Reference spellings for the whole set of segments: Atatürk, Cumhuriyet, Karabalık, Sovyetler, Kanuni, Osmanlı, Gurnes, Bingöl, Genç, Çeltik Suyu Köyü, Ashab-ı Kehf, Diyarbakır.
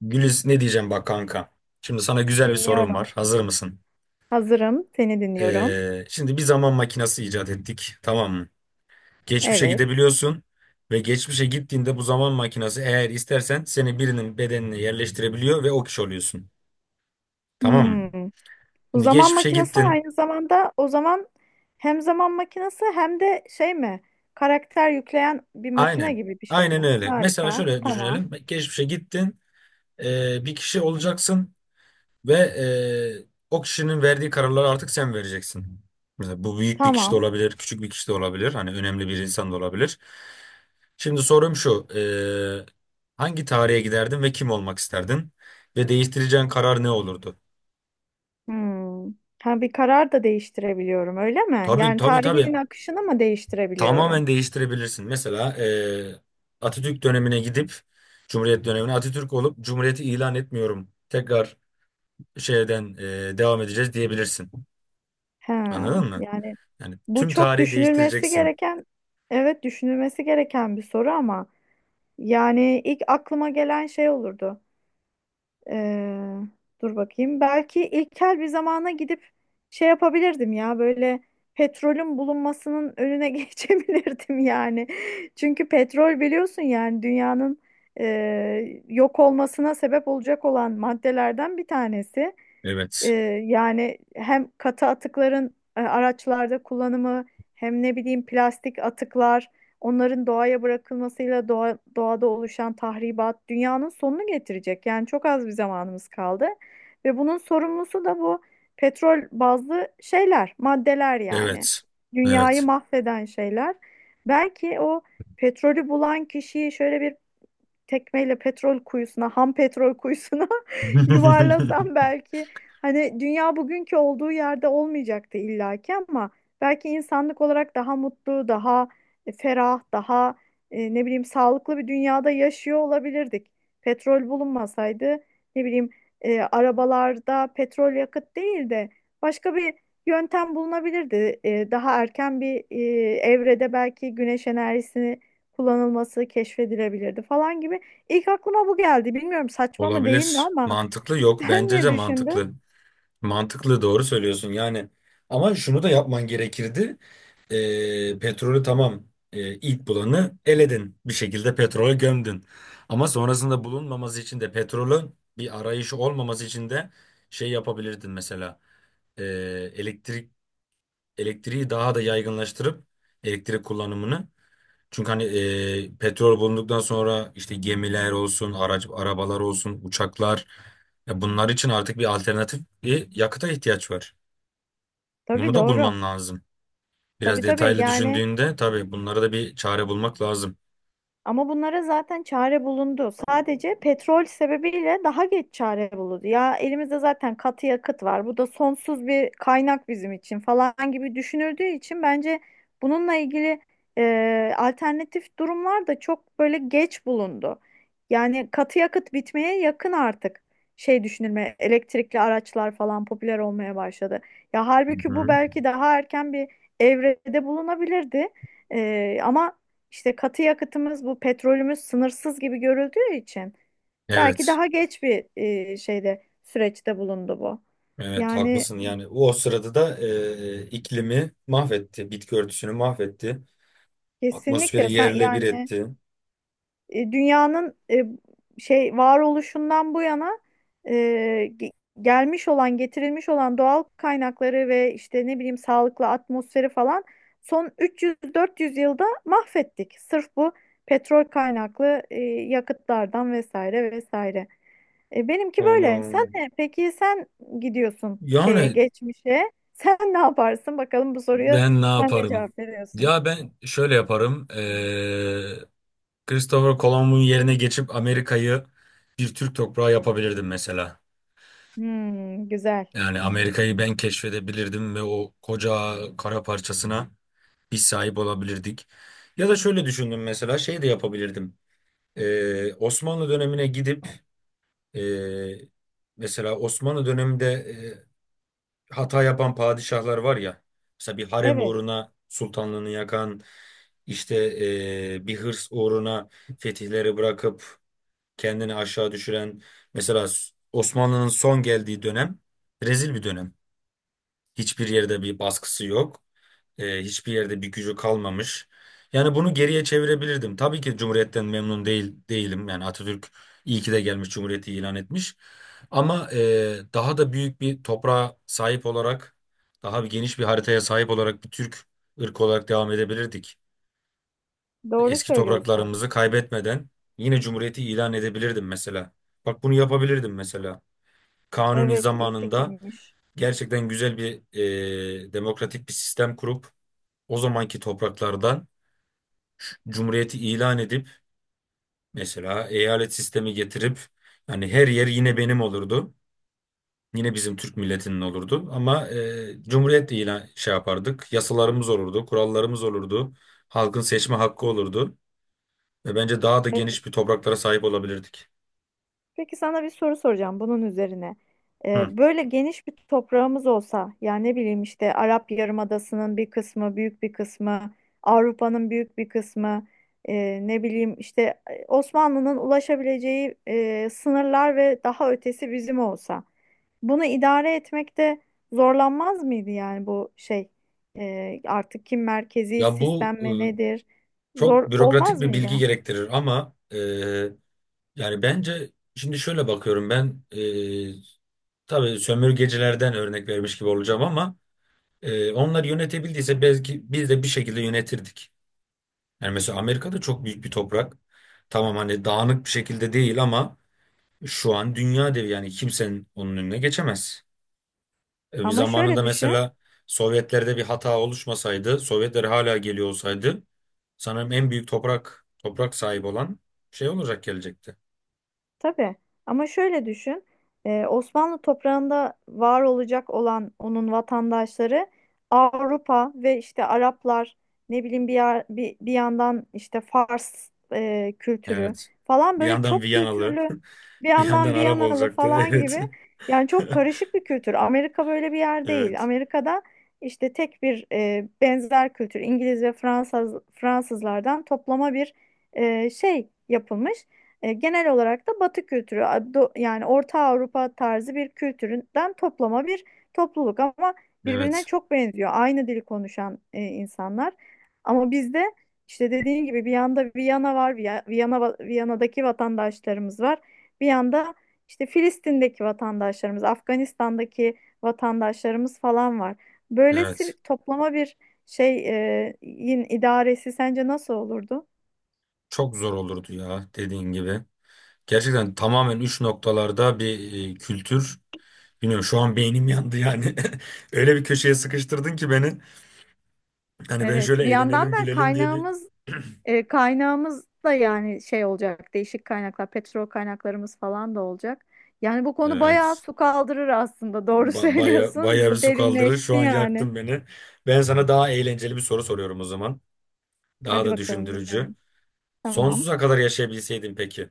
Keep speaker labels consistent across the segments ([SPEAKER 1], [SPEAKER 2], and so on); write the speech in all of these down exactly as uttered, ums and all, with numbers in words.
[SPEAKER 1] Güliz, ne diyeceğim bak kanka. Şimdi sana güzel bir sorum
[SPEAKER 2] Dinliyorum.
[SPEAKER 1] var. Hazır mısın?
[SPEAKER 2] Hazırım. Seni dinliyorum.
[SPEAKER 1] Ee, şimdi bir zaman makinesi icat ettik. Tamam mı? Geçmişe
[SPEAKER 2] Evet.
[SPEAKER 1] gidebiliyorsun ve geçmişe gittiğinde bu zaman makinesi eğer istersen seni birinin bedenine yerleştirebiliyor ve o kişi oluyorsun. Tamam mı?
[SPEAKER 2] Hmm. Bu
[SPEAKER 1] Şimdi
[SPEAKER 2] zaman
[SPEAKER 1] geçmişe
[SPEAKER 2] makinesi
[SPEAKER 1] gittin.
[SPEAKER 2] aynı zamanda o zaman hem zaman makinesi hem de şey mi? Karakter yükleyen bir makine
[SPEAKER 1] Aynen.
[SPEAKER 2] gibi bir şey
[SPEAKER 1] Aynen
[SPEAKER 2] mi?
[SPEAKER 1] öyle. Mesela
[SPEAKER 2] Harika.
[SPEAKER 1] şöyle
[SPEAKER 2] Tamam.
[SPEAKER 1] düşünelim. Geçmişe gittin. Ee, bir kişi olacaksın. Ve eee, o kişinin verdiği kararları artık sen vereceksin. Mesela bu büyük bir kişi de
[SPEAKER 2] Tamam.
[SPEAKER 1] olabilir, küçük bir kişi de olabilir. Hani önemli bir insan da olabilir. Şimdi sorum şu. Eee, hangi tarihe giderdin ve kim olmak isterdin? Ve değiştireceğin karar ne olurdu?
[SPEAKER 2] Hmm. Ha, bir karar da değiştirebiliyorum, öyle mi?
[SPEAKER 1] Tabii
[SPEAKER 2] Yani
[SPEAKER 1] tabii tabii.
[SPEAKER 2] tarihin akışını mı
[SPEAKER 1] Tamamen
[SPEAKER 2] değiştirebiliyorum?
[SPEAKER 1] değiştirebilirsin. Mesela eee, Atatürk dönemine gidip Cumhuriyet dönemine Atatürk olup Cumhuriyeti ilan etmiyorum. Tekrar şeyden eee, devam edeceğiz diyebilirsin.
[SPEAKER 2] Ha,
[SPEAKER 1] Anladın mı?
[SPEAKER 2] yani
[SPEAKER 1] Yani
[SPEAKER 2] bu
[SPEAKER 1] tüm
[SPEAKER 2] çok
[SPEAKER 1] tarihi
[SPEAKER 2] düşünülmesi
[SPEAKER 1] değiştireceksin.
[SPEAKER 2] gereken, evet düşünülmesi gereken bir soru ama yani ilk aklıma gelen şey olurdu. Ee, Dur bakayım. Belki ilkel bir zamana gidip şey yapabilirdim ya böyle petrolün bulunmasının önüne geçebilirdim yani. Çünkü petrol biliyorsun yani dünyanın e, yok olmasına sebep olacak olan maddelerden bir tanesi. Ee,
[SPEAKER 1] Evet.
[SPEAKER 2] Yani hem katı atıkların e, araçlarda kullanımı hem ne bileyim plastik atıklar onların doğaya bırakılmasıyla doğa, doğada oluşan tahribat dünyanın sonunu getirecek. Yani çok az bir zamanımız kaldı ve bunun sorumlusu da bu petrol bazlı şeyler, maddeler yani.
[SPEAKER 1] Evet.
[SPEAKER 2] Dünyayı
[SPEAKER 1] Evet.
[SPEAKER 2] mahveden şeyler. Belki o petrolü bulan kişiyi şöyle bir tekmeyle petrol kuyusuna, ham petrol kuyusuna yuvarlasam belki hani dünya bugünkü olduğu yerde olmayacaktı illaki ama belki insanlık olarak daha mutlu, daha e, ferah, daha e, ne bileyim sağlıklı bir dünyada yaşıyor olabilirdik. Petrol bulunmasaydı ne bileyim e, arabalarda petrol yakıt değil de başka bir yöntem bulunabilirdi. E, daha erken bir e, evrede belki güneş enerjisini kullanılması keşfedilebilirdi falan gibi İlk aklıma bu geldi. Bilmiyorum saçma mı değil mi
[SPEAKER 1] Olabilir.
[SPEAKER 2] ama
[SPEAKER 1] Mantıklı yok.
[SPEAKER 2] sen
[SPEAKER 1] Bence
[SPEAKER 2] ne
[SPEAKER 1] de
[SPEAKER 2] düşündün?
[SPEAKER 1] mantıklı. Mantıklı, doğru söylüyorsun yani. Ama şunu da yapman gerekirdi. Ee, petrolü tamam, ee, ilk bulanı eledin. Bir şekilde petrole gömdün. Ama sonrasında bulunmaması için de, petrolün bir arayışı olmaması için de şey yapabilirdin mesela. Ee, elektrik Elektriği daha da yaygınlaştırıp elektrik kullanımını. Çünkü hani e, petrol bulunduktan sonra işte gemiler olsun, araç, arabalar olsun, uçaklar, ya bunlar için artık bir alternatif bir yakıta ihtiyaç var. Bunu
[SPEAKER 2] Tabii,
[SPEAKER 1] da
[SPEAKER 2] doğru.
[SPEAKER 1] bulman lazım.
[SPEAKER 2] Tabii,
[SPEAKER 1] Biraz
[SPEAKER 2] tabii
[SPEAKER 1] detaylı
[SPEAKER 2] yani
[SPEAKER 1] düşündüğünde tabii bunlara da bir çare bulmak lazım.
[SPEAKER 2] ama bunlara zaten çare bulundu. Sadece petrol sebebiyle daha geç çare bulundu. Ya elimizde zaten katı yakıt var. Bu da sonsuz bir kaynak bizim için falan gibi düşünüldüğü için bence bununla ilgili e, alternatif durumlar da çok böyle geç bulundu. Yani katı yakıt bitmeye yakın artık şey düşünülme elektrikli araçlar falan popüler olmaya başladı. Ya
[SPEAKER 1] Hı
[SPEAKER 2] halbuki bu
[SPEAKER 1] hı.
[SPEAKER 2] belki daha erken bir evrede bulunabilirdi. E, ama işte katı yakıtımız bu petrolümüz sınırsız gibi görüldüğü için belki
[SPEAKER 1] Evet.
[SPEAKER 2] daha geç bir e, şeyde süreçte bulundu bu.
[SPEAKER 1] Evet,
[SPEAKER 2] Yani
[SPEAKER 1] haklısın yani. O sırada da e, iklimi mahvetti, bitki örtüsünü mahvetti, atmosferi
[SPEAKER 2] kesinlikle sen
[SPEAKER 1] yerle bir
[SPEAKER 2] yani
[SPEAKER 1] etti.
[SPEAKER 2] e, dünyanın e, şey varoluşundan bu yana e, ge- gelmiş olan getirilmiş olan doğal kaynakları ve işte ne bileyim sağlıklı atmosferi falan son üç yüz dört yüz yılda mahvettik. Sırf bu petrol kaynaklı e, yakıtlardan vesaire vesaire. E, benimki
[SPEAKER 1] Öyle
[SPEAKER 2] böyle. Sen
[SPEAKER 1] oldu.
[SPEAKER 2] ne? Peki sen gidiyorsun şeye,
[SPEAKER 1] Yani
[SPEAKER 2] geçmişe. Sen ne yaparsın? Bakalım bu soruya
[SPEAKER 1] ben ne
[SPEAKER 2] sen ne
[SPEAKER 1] yaparım?
[SPEAKER 2] cevap veriyorsun?
[SPEAKER 1] Ya ben şöyle yaparım. Eee Christopher Columbus'un yerine geçip Amerika'yı bir Türk toprağı yapabilirdim mesela.
[SPEAKER 2] Hmm, güzel.
[SPEAKER 1] Yani Amerika'yı ben keşfedebilirdim ve o koca kara parçasına biz sahip olabilirdik. Ya da şöyle düşündüm, mesela şey de yapabilirdim. Eee, Osmanlı dönemine gidip eee, mesela Osmanlı döneminde e, hata yapan padişahlar var ya. Mesela bir harem
[SPEAKER 2] Evet,
[SPEAKER 1] uğruna sultanlığını yakan, işte eee, bir hırs uğruna fetihleri bırakıp kendini aşağı düşüren. Mesela Osmanlı'nın son geldiği dönem rezil bir dönem. Hiçbir yerde bir baskısı yok. E, hiçbir yerde bir gücü kalmamış. Yani bunu geriye çevirebilirdim. Tabii ki Cumhuriyet'ten memnun değil değilim. Yani Atatürk iyi ki de gelmiş, Cumhuriyeti ilan etmiş. Ama e, daha da büyük bir toprağa sahip olarak, daha bir geniş bir haritaya sahip olarak bir Türk ırkı olarak devam edebilirdik.
[SPEAKER 2] doğru
[SPEAKER 1] Eski
[SPEAKER 2] söylüyorsun.
[SPEAKER 1] topraklarımızı kaybetmeden yine Cumhuriyeti ilan edebilirdim mesela. Bak, bunu yapabilirdim mesela. Kanuni
[SPEAKER 2] Evet, iyi
[SPEAKER 1] zamanında
[SPEAKER 2] fikirmiş.
[SPEAKER 1] gerçekten güzel bir, e, demokratik bir sistem kurup o zamanki topraklardan Cumhuriyeti ilan edip mesela eyalet sistemi getirip yani her yer yine benim olurdu. Yine bizim Türk milletinin olurdu ama e, Cumhuriyet ilan şey yapardık. Yasalarımız olurdu, kurallarımız olurdu. Halkın seçme hakkı olurdu ve bence daha da geniş bir topraklara sahip olabilirdik.
[SPEAKER 2] Peki sana bir soru soracağım bunun üzerine. Ee,
[SPEAKER 1] Hı.
[SPEAKER 2] böyle geniş bir toprağımız olsa, yani ne bileyim işte Arap Yarımadası'nın bir kısmı, büyük bir kısmı, Avrupa'nın büyük bir kısmı, e, ne bileyim işte e, Osmanlı'nın ulaşabileceği e, sınırlar ve daha ötesi bizim olsa, bunu idare etmekte zorlanmaz mıydı yani bu şey e, artık kim merkezi
[SPEAKER 1] Ya bu
[SPEAKER 2] sistem
[SPEAKER 1] e,
[SPEAKER 2] mi nedir?
[SPEAKER 1] çok
[SPEAKER 2] Zor
[SPEAKER 1] bürokratik
[SPEAKER 2] olmaz
[SPEAKER 1] bir
[SPEAKER 2] mıydı?
[SPEAKER 1] bilgi gerektirir ama e, yani bence şimdi şöyle bakıyorum ben, e, tabii sömürgecilerden örnek vermiş gibi olacağım ama Ee, onlar yönetebildiyse belki biz de bir şekilde yönetirdik. Yani mesela Amerika'da çok büyük bir toprak. Tamam, hani dağınık bir şekilde değil ama şu an dünya devi, yani kimsenin onun önüne geçemez. Ee, bir
[SPEAKER 2] Ama
[SPEAKER 1] zamanında
[SPEAKER 2] şöyle düşün.
[SPEAKER 1] mesela Sovyetlerde bir hata oluşmasaydı, Sovyetler hala geliyor olsaydı sanırım en büyük toprak toprak sahibi olan şey olacak, gelecekti.
[SPEAKER 2] Tabii. Ama şöyle düşün. e, Osmanlı toprağında var olacak olan onun vatandaşları Avrupa ve işte Araplar ne bileyim bir, yer- bir, bir yandan işte Fars e, kültürü
[SPEAKER 1] Evet.
[SPEAKER 2] falan
[SPEAKER 1] Bir
[SPEAKER 2] böyle
[SPEAKER 1] yandan
[SPEAKER 2] çok
[SPEAKER 1] Viyanalı,
[SPEAKER 2] kültürlü bir
[SPEAKER 1] bir yandan
[SPEAKER 2] yandan
[SPEAKER 1] Arap
[SPEAKER 2] Viyanalı
[SPEAKER 1] olacaktı.
[SPEAKER 2] falan
[SPEAKER 1] Evet.
[SPEAKER 2] gibi yani çok karışık bir kültür. Amerika böyle bir yer değil.
[SPEAKER 1] Evet.
[SPEAKER 2] Amerika'da işte tek bir e, benzer kültür İngiliz ve Fransız Fransızlardan toplama bir e, şey yapılmış. E, genel olarak da Batı kültürü a- do- yani Orta Avrupa tarzı bir kültürden toplama bir topluluk ama birbirine
[SPEAKER 1] Evet.
[SPEAKER 2] çok benziyor. Aynı dili konuşan e, insanlar. Ama bizde işte dediğin gibi bir yanda Viyana var, Viya- Viyana va- Viyana'daki vatandaşlarımız var. Bir yanda işte Filistin'deki vatandaşlarımız, Afganistan'daki vatandaşlarımız falan var. Böylesi bir
[SPEAKER 1] Evet.
[SPEAKER 2] toplama bir şey e, yin idaresi sence nasıl olurdu?
[SPEAKER 1] Çok zor olurdu ya, dediğin gibi. Gerçekten tamamen üç noktalarda bir e, kültür. Bilmiyorum, şu an beynim yandı yani. Öyle bir köşeye sıkıştırdın ki beni. Hani ben
[SPEAKER 2] Evet,
[SPEAKER 1] şöyle
[SPEAKER 2] bir yandan
[SPEAKER 1] eğlenelim
[SPEAKER 2] da
[SPEAKER 1] gülelim diye bir...
[SPEAKER 2] kaynağımız E, kaynağımız da yani şey olacak, değişik kaynaklar, petrol kaynaklarımız falan da olacak. Yani bu konu bayağı
[SPEAKER 1] Evet.
[SPEAKER 2] su kaldırır aslında. Doğru
[SPEAKER 1] Ba baya, baya
[SPEAKER 2] söylüyorsun.
[SPEAKER 1] bir
[SPEAKER 2] Bu
[SPEAKER 1] su kaldırır. Şu
[SPEAKER 2] derinleşti
[SPEAKER 1] an
[SPEAKER 2] yani.
[SPEAKER 1] yaktın beni. Ben sana daha eğlenceli bir soru soruyorum o zaman. Daha
[SPEAKER 2] Hadi
[SPEAKER 1] da
[SPEAKER 2] bakalım
[SPEAKER 1] düşündürücü.
[SPEAKER 2] dinliyorum. Tamam.
[SPEAKER 1] Sonsuza kadar yaşayabilseydin peki.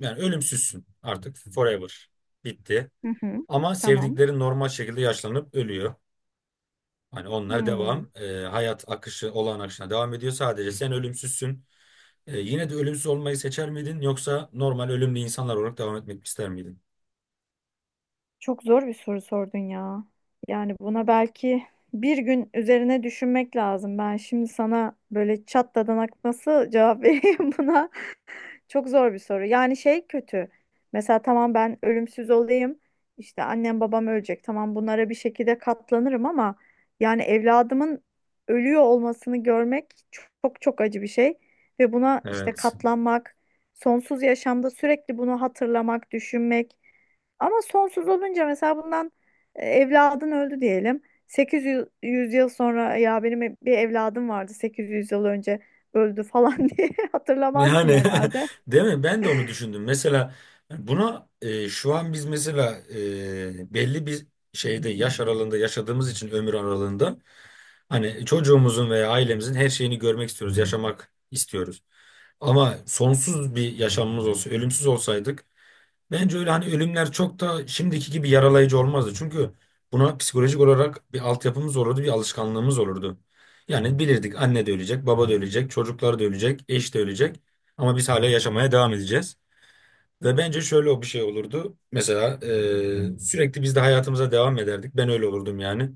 [SPEAKER 1] Yani ölümsüzsün artık. Forever. Bitti.
[SPEAKER 2] Hı hı.
[SPEAKER 1] Ama
[SPEAKER 2] Tamam.
[SPEAKER 1] sevdiklerin normal şekilde yaşlanıp ölüyor. Hani onlar
[SPEAKER 2] Hmm.
[SPEAKER 1] devam. E, hayat akışı olağan akışına devam ediyor. Sadece sen ölümsüzsün. E, yine de ölümsüz olmayı seçer miydin, yoksa normal ölümlü insanlar olarak devam etmek ister miydin?
[SPEAKER 2] Çok zor bir soru sordun ya. Yani buna belki bir gün üzerine düşünmek lazım. Ben şimdi sana böyle çat dadan nasıl cevap vereyim buna? Çok zor bir soru. Yani şey kötü. Mesela tamam ben ölümsüz olayım. İşte annem babam ölecek. Tamam bunlara bir şekilde katlanırım ama yani evladımın ölüyor olmasını görmek çok çok acı bir şey. Ve buna işte
[SPEAKER 1] Evet.
[SPEAKER 2] katlanmak, sonsuz yaşamda sürekli bunu hatırlamak, düşünmek. Ama sonsuz olunca mesela bundan e, evladın öldü diyelim. 800 yüz yıl sonra ya benim bir evladım vardı sekiz yüz yıl önce öldü falan diye hatırlamazsın
[SPEAKER 1] Yani
[SPEAKER 2] herhalde.
[SPEAKER 1] değil mi? Ben de onu düşündüm. Mesela buna e, şu an biz mesela e, belli bir şeyde yaş aralığında yaşadığımız için, ömür aralığında, hani çocuğumuzun veya ailemizin her şeyini görmek istiyoruz, yaşamak istiyoruz. Ama sonsuz bir yaşamımız olsa, ölümsüz olsaydık bence öyle hani ölümler çok da şimdiki gibi yaralayıcı olmazdı. Çünkü buna psikolojik olarak bir altyapımız olurdu, bir alışkanlığımız olurdu. Yani bilirdik, anne de ölecek, baba da ölecek, çocuklar da ölecek, eş de ölecek. Ama biz hala yaşamaya devam edeceğiz. Ve bence şöyle o bir şey olurdu. Mesela e, sürekli biz de hayatımıza devam ederdik. Ben öyle olurdum yani.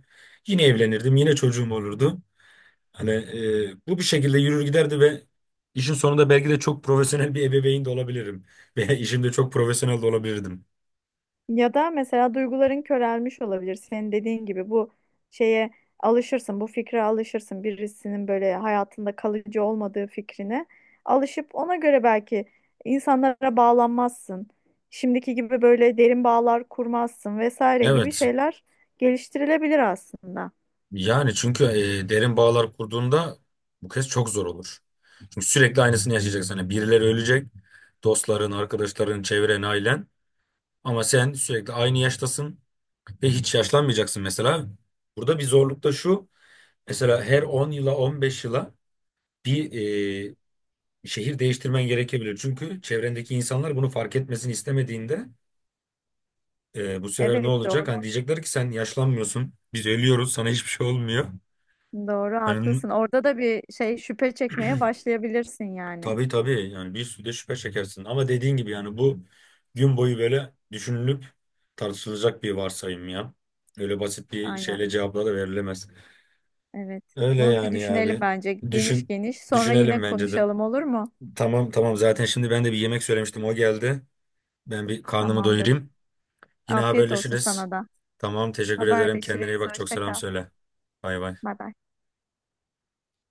[SPEAKER 1] Yine evlenirdim, yine çocuğum olurdu. Hani e, bu bir şekilde yürür giderdi ve işin sonunda belki de çok profesyonel bir ebeveyn de olabilirim. Veya işimde çok profesyonel de olabilirdim.
[SPEAKER 2] Ya da mesela duyguların körelmiş olabilir. Senin dediğin gibi bu şeye alışırsın, bu fikre alışırsın. Birisinin böyle hayatında kalıcı olmadığı fikrine alışıp ona göre belki insanlara bağlanmazsın. Şimdiki gibi böyle derin bağlar kurmazsın vesaire gibi
[SPEAKER 1] Evet.
[SPEAKER 2] şeyler geliştirilebilir aslında.
[SPEAKER 1] Yani çünkü e, derin bağlar kurduğunda bu kez çok zor olur. Çünkü sürekli aynısını yaşayacaksın. Hani birileri ölecek. Dostların, arkadaşların, çevren, ailen. Ama sen sürekli aynı yaştasın ve hiç yaşlanmayacaksın mesela. Burada bir zorluk da şu. Mesela her on yıla, on beş yıla bir e, şehir değiştirmen gerekebilir. Çünkü çevrendeki insanlar bunu fark etmesini istemediğinde e, bu sefer ne
[SPEAKER 2] Evet
[SPEAKER 1] olacak?
[SPEAKER 2] doğru.
[SPEAKER 1] Hani diyecekler ki sen yaşlanmıyorsun. Biz ölüyoruz. Sana hiçbir şey olmuyor.
[SPEAKER 2] Doğru
[SPEAKER 1] Hani n-
[SPEAKER 2] haklısın. Orada da bir şey şüphe çekmeye başlayabilirsin yani.
[SPEAKER 1] tabii tabii yani, bir sürü de şüphe çekersin. Ama dediğin gibi yani bu gün boyu böyle düşünülüp tartışılacak bir varsayım ya. Öyle basit bir
[SPEAKER 2] Aynen.
[SPEAKER 1] şeyle cevapla da verilemez.
[SPEAKER 2] Evet.
[SPEAKER 1] Öyle
[SPEAKER 2] Bunu bir
[SPEAKER 1] yani ya
[SPEAKER 2] düşünelim
[SPEAKER 1] abi.
[SPEAKER 2] bence geniş
[SPEAKER 1] Düşün,
[SPEAKER 2] geniş. Sonra
[SPEAKER 1] Düşünelim
[SPEAKER 2] yine
[SPEAKER 1] bence de.
[SPEAKER 2] konuşalım olur mu?
[SPEAKER 1] Tamam tamam, zaten şimdi ben de bir yemek söylemiştim, o geldi. Ben bir karnımı
[SPEAKER 2] Tamamdır.
[SPEAKER 1] doyurayım. Yine
[SPEAKER 2] Afiyet olsun
[SPEAKER 1] haberleşiriz.
[SPEAKER 2] sana da.
[SPEAKER 1] Tamam, teşekkür ederim. Kendine iyi
[SPEAKER 2] Haberleşiriz.
[SPEAKER 1] bak. Çok
[SPEAKER 2] Hoşça
[SPEAKER 1] selam
[SPEAKER 2] kal.
[SPEAKER 1] söyle. Bay bay.
[SPEAKER 2] Bay bay.